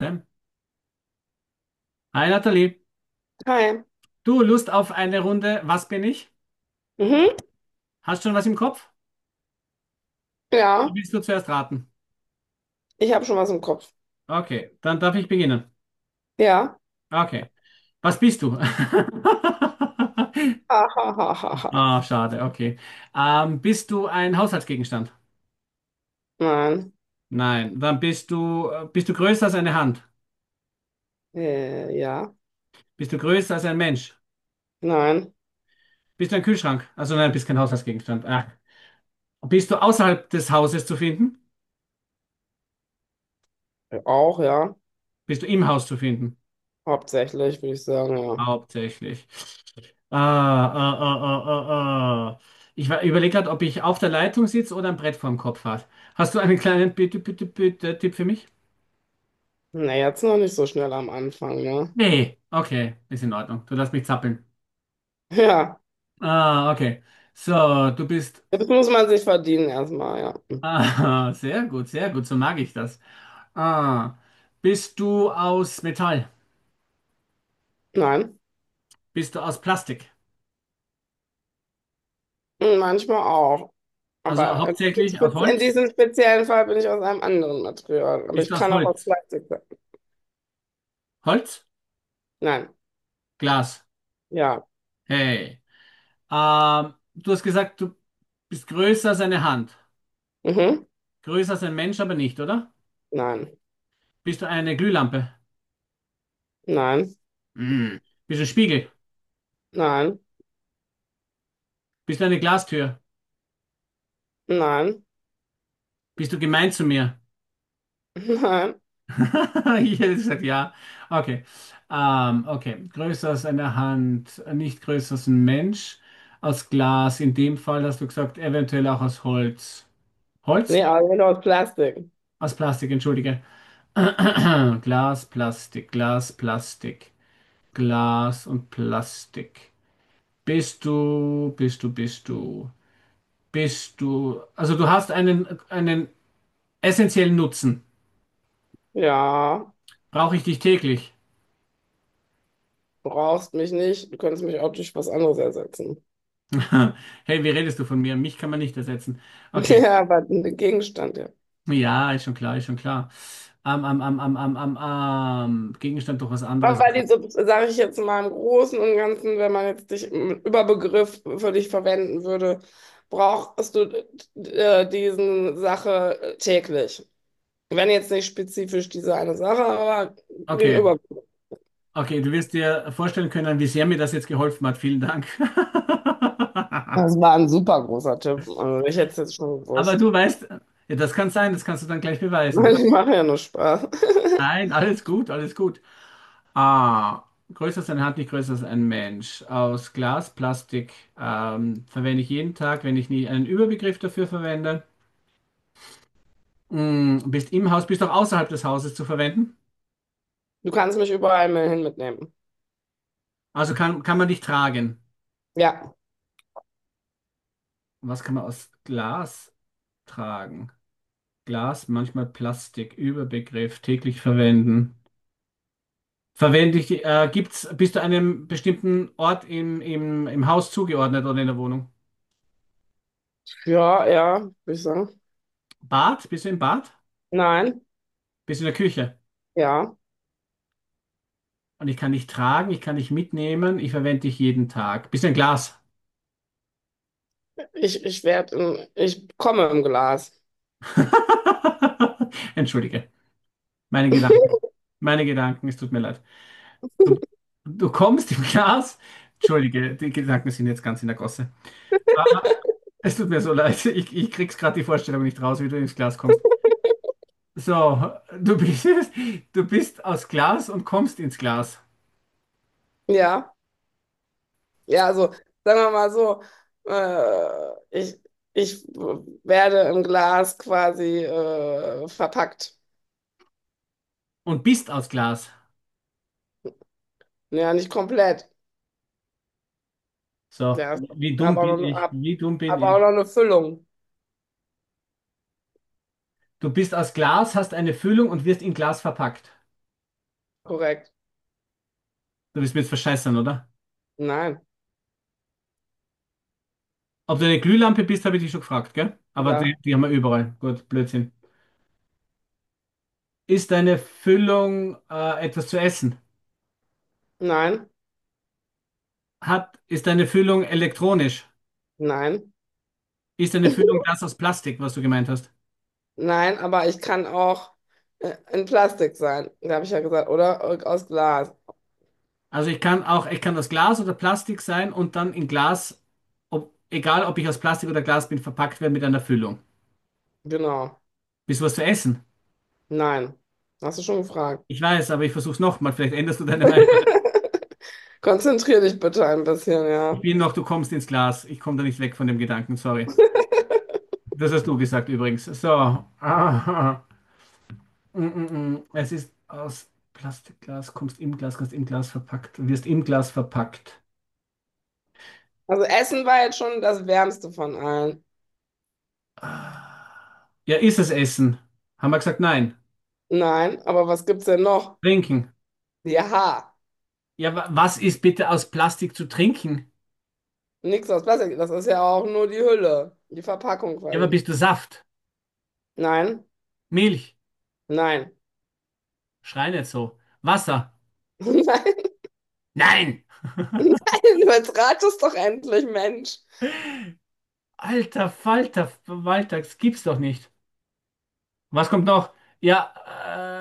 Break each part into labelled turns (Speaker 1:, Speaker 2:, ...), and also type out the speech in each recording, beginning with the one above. Speaker 1: Ne? Hi Nathalie,
Speaker 2: Hi.
Speaker 1: du Lust auf eine Runde Was bin ich?
Speaker 2: Mhm.
Speaker 1: Hast schon was im Kopf? Wie
Speaker 2: Ja,
Speaker 1: Willst du zuerst raten?
Speaker 2: ich habe schon was im Kopf.
Speaker 1: Okay, dann darf ich beginnen.
Speaker 2: Ja.
Speaker 1: Okay, was bist du?
Speaker 2: Ha, ha, ha, ha, ha.
Speaker 1: Ah, schade, okay. Bist du ein Haushaltsgegenstand?
Speaker 2: Nein.
Speaker 1: Nein, dann bist du größer als eine Hand?
Speaker 2: Ja.
Speaker 1: Bist du größer als ein Mensch?
Speaker 2: Nein.
Speaker 1: Bist du ein Kühlschrank? Also nein, bist kein Haushaltsgegenstand. Ah. Bist du außerhalb des Hauses zu finden?
Speaker 2: Auch, ja.
Speaker 1: Bist du im Haus zu finden?
Speaker 2: Hauptsächlich, würde ich sagen, ja.
Speaker 1: Hauptsächlich. Ah, ah, ah, ah, ah, ah. Ich überlege gerade, ob ich auf der Leitung sitze oder ein Brett vorm Kopf habe. Hast du einen kleinen bitte, bitte, bitte Tipp für mich?
Speaker 2: Na, jetzt noch nicht so schnell am Anfang, ne?
Speaker 1: Nee, okay, ist in Ordnung. Du lässt mich zappeln.
Speaker 2: Ja.
Speaker 1: Ah, okay. So, du bist.
Speaker 2: Jetzt muss man sich verdienen erstmal, ja.
Speaker 1: Ah, sehr gut, sehr gut, so mag ich das. Ah, bist du aus Metall?
Speaker 2: Nein.
Speaker 1: Bist du aus Plastik?
Speaker 2: Hm, manchmal auch.
Speaker 1: Also
Speaker 2: Aber
Speaker 1: hauptsächlich aus
Speaker 2: in
Speaker 1: Holz?
Speaker 2: diesem speziellen Fall bin ich aus einem anderen Material. Aber
Speaker 1: Bist
Speaker 2: ich
Speaker 1: du aus
Speaker 2: kann auch aus
Speaker 1: Holz?
Speaker 2: Plastik sein.
Speaker 1: Holz?
Speaker 2: Nein.
Speaker 1: Glas.
Speaker 2: Ja.
Speaker 1: Hey. Du hast gesagt, du bist größer als eine Hand.
Speaker 2: Mhm.
Speaker 1: Größer als ein Mensch, aber nicht, oder?
Speaker 2: Nein.
Speaker 1: Bist du eine Glühlampe?
Speaker 2: Nein.
Speaker 1: Mm. Bist du ein Spiegel?
Speaker 2: Nein.
Speaker 1: Bist du eine Glastür?
Speaker 2: Nein.
Speaker 1: Bist du gemein zu mir?
Speaker 2: Nein.
Speaker 1: Ich hätte gesagt, ja. Okay. Okay. Größer als eine Hand, nicht größer als ein Mensch. Aus Glas, in dem Fall hast du gesagt, eventuell auch aus Holz.
Speaker 2: Nee,
Speaker 1: Holz?
Speaker 2: aber genau aus Plastik.
Speaker 1: Aus Plastik, entschuldige. Glas, Plastik, Glas, Plastik. Glas und Plastik. Bist du, bist du, bist du, bist du. Also du hast einen essentiellen Nutzen.
Speaker 2: Ja,
Speaker 1: Brauche ich dich täglich?
Speaker 2: brauchst mich nicht. Du könntest mich auch durch was anderes ersetzen.
Speaker 1: Hey, wie redest du von mir? Mich kann man nicht ersetzen. Okay,
Speaker 2: Ja, aber ein Gegenstand, ja.
Speaker 1: ja, ist schon klar, ist schon klar. Am, am, am, am, am, am, am. Gegenstand doch was anderes.
Speaker 2: Aber diese, sage ich jetzt mal im Großen und Ganzen, wenn man jetzt dich im Überbegriff für dich verwenden würde, brauchst du diesen Sache täglich. Wenn jetzt nicht spezifisch diese eine Sache, aber den
Speaker 1: Okay,
Speaker 2: Überbegriff.
Speaker 1: okay, du wirst dir vorstellen können, wie sehr mir das jetzt geholfen hat. Vielen Dank.
Speaker 2: Das war ein super großer Tipp. Also ich hätte es jetzt schon
Speaker 1: Aber
Speaker 2: gewusst.
Speaker 1: du weißt, ja, das kann sein, das kannst du dann gleich beweisen.
Speaker 2: Ich mache ja nur Spaß.
Speaker 1: Nein, alles gut, alles gut. A. Größer als eine Hand, nicht größer als ein Mensch. Aus Glas, Plastik, verwende ich jeden Tag, wenn ich nie einen Überbegriff dafür verwende. Mm, bist im Haus, bist auch außerhalb des Hauses zu verwenden.
Speaker 2: Du kannst mich überall hin mitnehmen.
Speaker 1: Also kann man dich tragen?
Speaker 2: Ja.
Speaker 1: Was kann man aus Glas tragen? Glas, manchmal Plastik, Überbegriff, täglich verwenden. Verwende ich, bist du einem bestimmten Ort im Haus zugeordnet oder in der Wohnung?
Speaker 2: Ja, ja, würde ich sagen.
Speaker 1: Bad? Bist du im Bad?
Speaker 2: Nein,
Speaker 1: Bist du in der Küche?
Speaker 2: ja.
Speaker 1: Und ich kann dich tragen, ich kann dich mitnehmen, ich verwende dich jeden Tag. Bist du ein Glas?
Speaker 2: Ich komme im Glas.
Speaker 1: Entschuldige. Meine Gedanken, meine Gedanken, es tut mir leid. Du, du kommst im Glas. Entschuldige, die Gedanken sind jetzt ganz in der Gosse. Ah, es tut mir so leid, ich krieg's gerade die Vorstellung nicht raus, wie du ins Glas kommst. So, du bist, du bist aus Glas und kommst ins Glas.
Speaker 2: Ja, ja, also sagen wir mal so, äh, ich, ich werde im Glas quasi verpackt.
Speaker 1: Und bist aus Glas.
Speaker 2: Ja, nicht komplett.
Speaker 1: So,
Speaker 2: Ja,
Speaker 1: wie dumm
Speaker 2: habe auch
Speaker 1: bin
Speaker 2: noch,
Speaker 1: ich,
Speaker 2: hab,
Speaker 1: wie dumm bin
Speaker 2: hab auch
Speaker 1: ich.
Speaker 2: noch eine Füllung.
Speaker 1: Du bist aus Glas, hast eine Füllung und wirst in Glas verpackt.
Speaker 2: Korrekt.
Speaker 1: Du willst mir jetzt verscheißern, oder?
Speaker 2: Nein,
Speaker 1: Ob du eine Glühlampe bist, habe ich dich schon gefragt, gell? Aber die,
Speaker 2: ja,
Speaker 1: die haben wir überall. Gut, Blödsinn. Ist deine Füllung etwas zu essen?
Speaker 2: nein,
Speaker 1: Ist deine Füllung elektronisch?
Speaker 2: nein,
Speaker 1: Ist deine Füllung das aus Plastik, was du gemeint hast?
Speaker 2: nein, aber ich kann auch in Plastik sein. Da habe ich ja gesagt, oder? Aus Glas.
Speaker 1: Also ich kann auch, ich kann aus Glas oder Plastik sein und dann in Glas, ob, egal ob ich aus Plastik oder Glas bin, verpackt werden mit einer Füllung.
Speaker 2: Genau.
Speaker 1: Bist du was zu essen?
Speaker 2: Nein, hast du schon gefragt.
Speaker 1: Ich weiß, aber ich versuch's nochmal. Vielleicht änderst du deine Meinung.
Speaker 2: Konzentrier dich bitte ein bisschen,
Speaker 1: Ich
Speaker 2: ja.
Speaker 1: bin noch, du kommst ins Glas. Ich komme da nicht weg von dem Gedanken, sorry. Das hast du gesagt übrigens. So. Aha. Mm, mm, mm. Es ist aus Plastikglas, kommst im Glas, kannst im Glas verpackt, wirst im Glas verpackt.
Speaker 2: Also Essen war jetzt schon das Wärmste von allen.
Speaker 1: Ah. Ja, ist es Essen? Haben wir gesagt, nein.
Speaker 2: Nein, aber was gibt's denn noch?
Speaker 1: Trinken.
Speaker 2: Ja,
Speaker 1: Ja, wa was ist bitte aus Plastik zu trinken?
Speaker 2: nichts aus Plastik. Das ist ja auch nur die Hülle, die Verpackung
Speaker 1: Ja, aber
Speaker 2: quasi.
Speaker 1: bist du Saft?
Speaker 2: Nein,
Speaker 1: Milch?
Speaker 2: nein,
Speaker 1: Schrei nicht so. Wasser?
Speaker 2: nein,
Speaker 1: Nein!
Speaker 2: nein. Du jetzt ratest doch endlich, Mensch.
Speaker 1: Alter Falter, Walter, das gibt's doch nicht. Was kommt noch? Ja,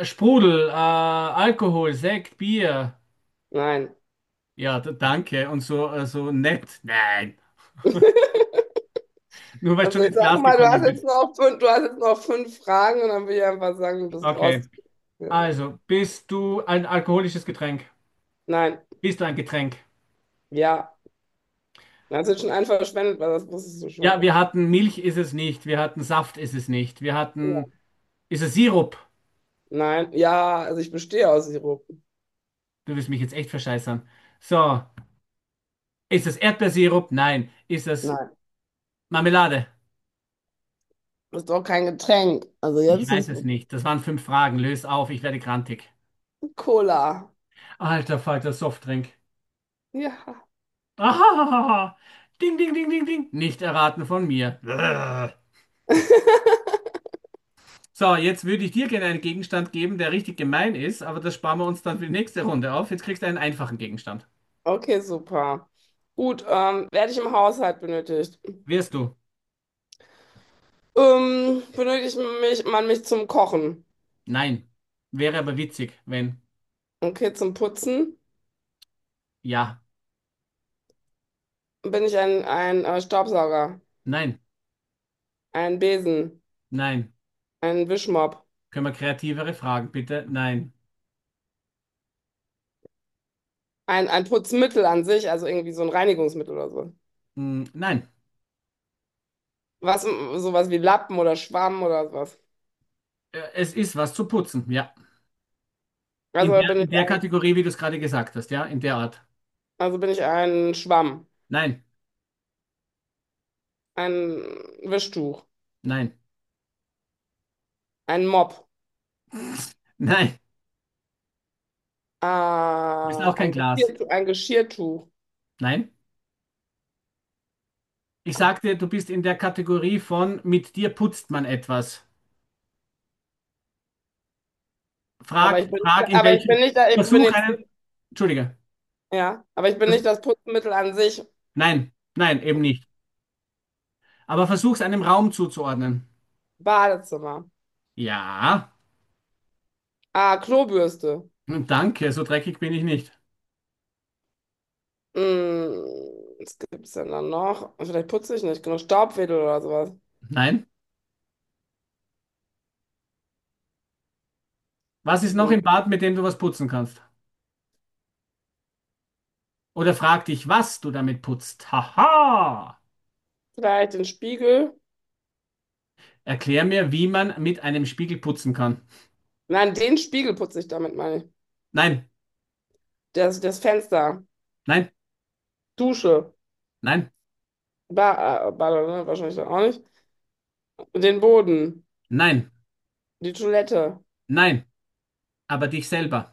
Speaker 1: Sprudel, Alkohol, Sekt, Bier.
Speaker 2: Nein.
Speaker 1: Ja, danke. Und so, also nett. Nein. Nur weil du
Speaker 2: Also
Speaker 1: schon
Speaker 2: ich
Speaker 1: ins
Speaker 2: sag
Speaker 1: Glas
Speaker 2: mal,
Speaker 1: gekommen bist.
Speaker 2: du hast jetzt noch fünf Fragen und dann will ich einfach sagen, du bist raus.
Speaker 1: Okay.
Speaker 2: Ja.
Speaker 1: Also, bist du ein alkoholisches Getränk?
Speaker 2: Nein,
Speaker 1: Bist du ein Getränk?
Speaker 2: ja. Das ist schon ein verschwendet, weil das wusstest du schon.
Speaker 1: Ja, wir hatten Milch ist es nicht. Wir hatten Saft ist es nicht. Wir
Speaker 2: Ja.
Speaker 1: hatten. Ist es Sirup?
Speaker 2: Nein, ja, also ich bestehe aus Sirup.
Speaker 1: Du wirst mich jetzt echt verscheißern. So. Ist es Erdbeersirup? Nein. Ist es
Speaker 2: Nein,
Speaker 1: Marmelade?
Speaker 2: das ist doch kein Getränk. Also jetzt
Speaker 1: Ich
Speaker 2: ist
Speaker 1: weiß
Speaker 2: es
Speaker 1: es nicht. Das waren 5 Fragen. Lös auf, ich werde grantig.
Speaker 2: Cola.
Speaker 1: Alter Falter, Softdrink.
Speaker 2: Ja.
Speaker 1: Ah, ding, ding, ding, ding, ding. Nicht erraten von mir. Brrr. So, jetzt würde ich dir gerne einen Gegenstand geben, der richtig gemein ist, aber das sparen wir uns dann für die nächste Runde auf. Jetzt kriegst du einen einfachen Gegenstand.
Speaker 2: Okay, super. Gut, werde ich im Haushalt benötigt?
Speaker 1: Wirst du?
Speaker 2: Man mich zum Kochen?
Speaker 1: Nein. Wäre aber witzig, wenn.
Speaker 2: Okay, zum Putzen
Speaker 1: Ja.
Speaker 2: bin ich ein Staubsauger,
Speaker 1: Nein.
Speaker 2: ein Besen,
Speaker 1: Nein.
Speaker 2: ein Wischmopp,
Speaker 1: Können wir kreativere Fragen, bitte? Nein.
Speaker 2: ein Putzmittel an sich, also irgendwie so ein Reinigungsmittel oder so.
Speaker 1: Hm, nein.
Speaker 2: Was, sowas wie Lappen oder Schwamm oder was.
Speaker 1: Es ist was zu putzen, ja. In
Speaker 2: Also
Speaker 1: der,
Speaker 2: bin ich
Speaker 1: in der
Speaker 2: ein,
Speaker 1: Kategorie, wie du es gerade gesagt hast, ja? In der Art.
Speaker 2: also bin ich ein Schwamm,
Speaker 1: Nein.
Speaker 2: ein Wischtuch,
Speaker 1: Nein.
Speaker 2: ein Mopp,
Speaker 1: Nein. Du bist auch kein Glas.
Speaker 2: Ein Geschirrtuch.
Speaker 1: Nein. Ich sagte, du bist in der Kategorie von mit dir putzt man etwas.
Speaker 2: Aber
Speaker 1: Frag,
Speaker 2: ich bin,
Speaker 1: frag in
Speaker 2: aber ich bin
Speaker 1: welchem,
Speaker 2: nicht, ich bin
Speaker 1: versuch
Speaker 2: jetzt nicht,
Speaker 1: einen, entschuldige,
Speaker 2: ja, aber ich bin
Speaker 1: das,
Speaker 2: nicht das Putzmittel an sich.
Speaker 1: nein, nein, eben nicht. Aber versuch es einem Raum zuzuordnen.
Speaker 2: Badezimmer.
Speaker 1: Ja,
Speaker 2: Ah, Klobürste.
Speaker 1: hm, danke, so dreckig bin ich nicht.
Speaker 2: Hm, was gibt's denn dann noch? Vielleicht putze ich nicht genug. Staubwedel oder sowas.
Speaker 1: Nein. Was ist noch
Speaker 2: Hm,
Speaker 1: im Bad, mit dem du was putzen kannst? Oder frag dich, was du damit putzt. Haha!
Speaker 2: vielleicht den Spiegel.
Speaker 1: Erklär mir, wie man mit einem Spiegel putzen kann.
Speaker 2: Nein, den Spiegel putze ich damit, meine ich.
Speaker 1: Nein,
Speaker 2: Das Fenster.
Speaker 1: nein,
Speaker 2: Dusche.
Speaker 1: nein,
Speaker 2: Ba Bade, ne? Wahrscheinlich dann auch nicht. Den Boden,
Speaker 1: nein,
Speaker 2: die Toilette,
Speaker 1: nein. Aber dich selber.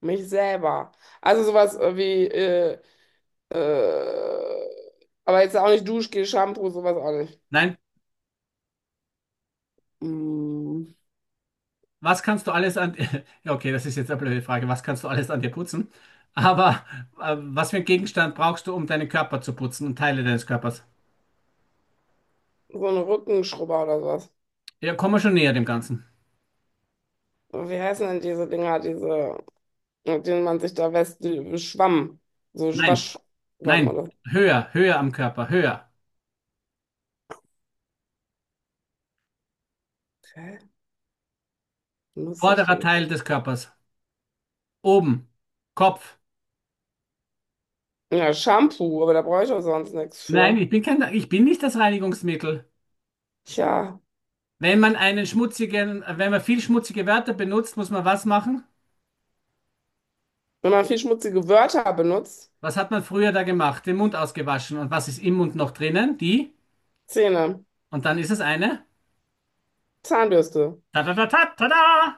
Speaker 2: mich selber. Also sowas äh, aber jetzt auch nicht Duschgel, Shampoo, sowas auch nicht.
Speaker 1: Nein,
Speaker 2: Mm,
Speaker 1: was kannst du alles an, ja, okay, das ist jetzt eine blöde Frage. Was kannst du alles an dir putzen? Aber was für einen Gegenstand brauchst du, um deinen Körper zu putzen und Teile deines Körpers?
Speaker 2: so ein Rückenschrubber oder sowas.
Speaker 1: Ja, komm mal schon näher dem Ganzen.
Speaker 2: Wie heißen denn diese Dinger, diese, mit denen man sich da wäscht, die- Schwamm, so
Speaker 1: Nein,
Speaker 2: Waschschwamm
Speaker 1: nein,
Speaker 2: oder so.
Speaker 1: höher, höher am Körper, höher.
Speaker 2: Okay, muss ich
Speaker 1: Vorderer
Speaker 2: denn?
Speaker 1: Teil des Körpers, oben, Kopf.
Speaker 2: Ja, Shampoo, aber da brauche ich auch sonst nichts
Speaker 1: Nein,
Speaker 2: für.
Speaker 1: ich bin kein, ich bin nicht das Reinigungsmittel.
Speaker 2: Tja,
Speaker 1: Wenn man einen schmutzigen, wenn man viel schmutzige Wörter benutzt, muss man was machen?
Speaker 2: wenn man viel schmutzige Wörter benutzt,
Speaker 1: Was hat man früher da gemacht? Den Mund ausgewaschen. Und was ist im Mund noch drinnen? Die?
Speaker 2: Zähne,
Speaker 1: Und dann ist es eine?
Speaker 2: Zahnbürste.
Speaker 1: Ta-ta-ta-ta-ta-da!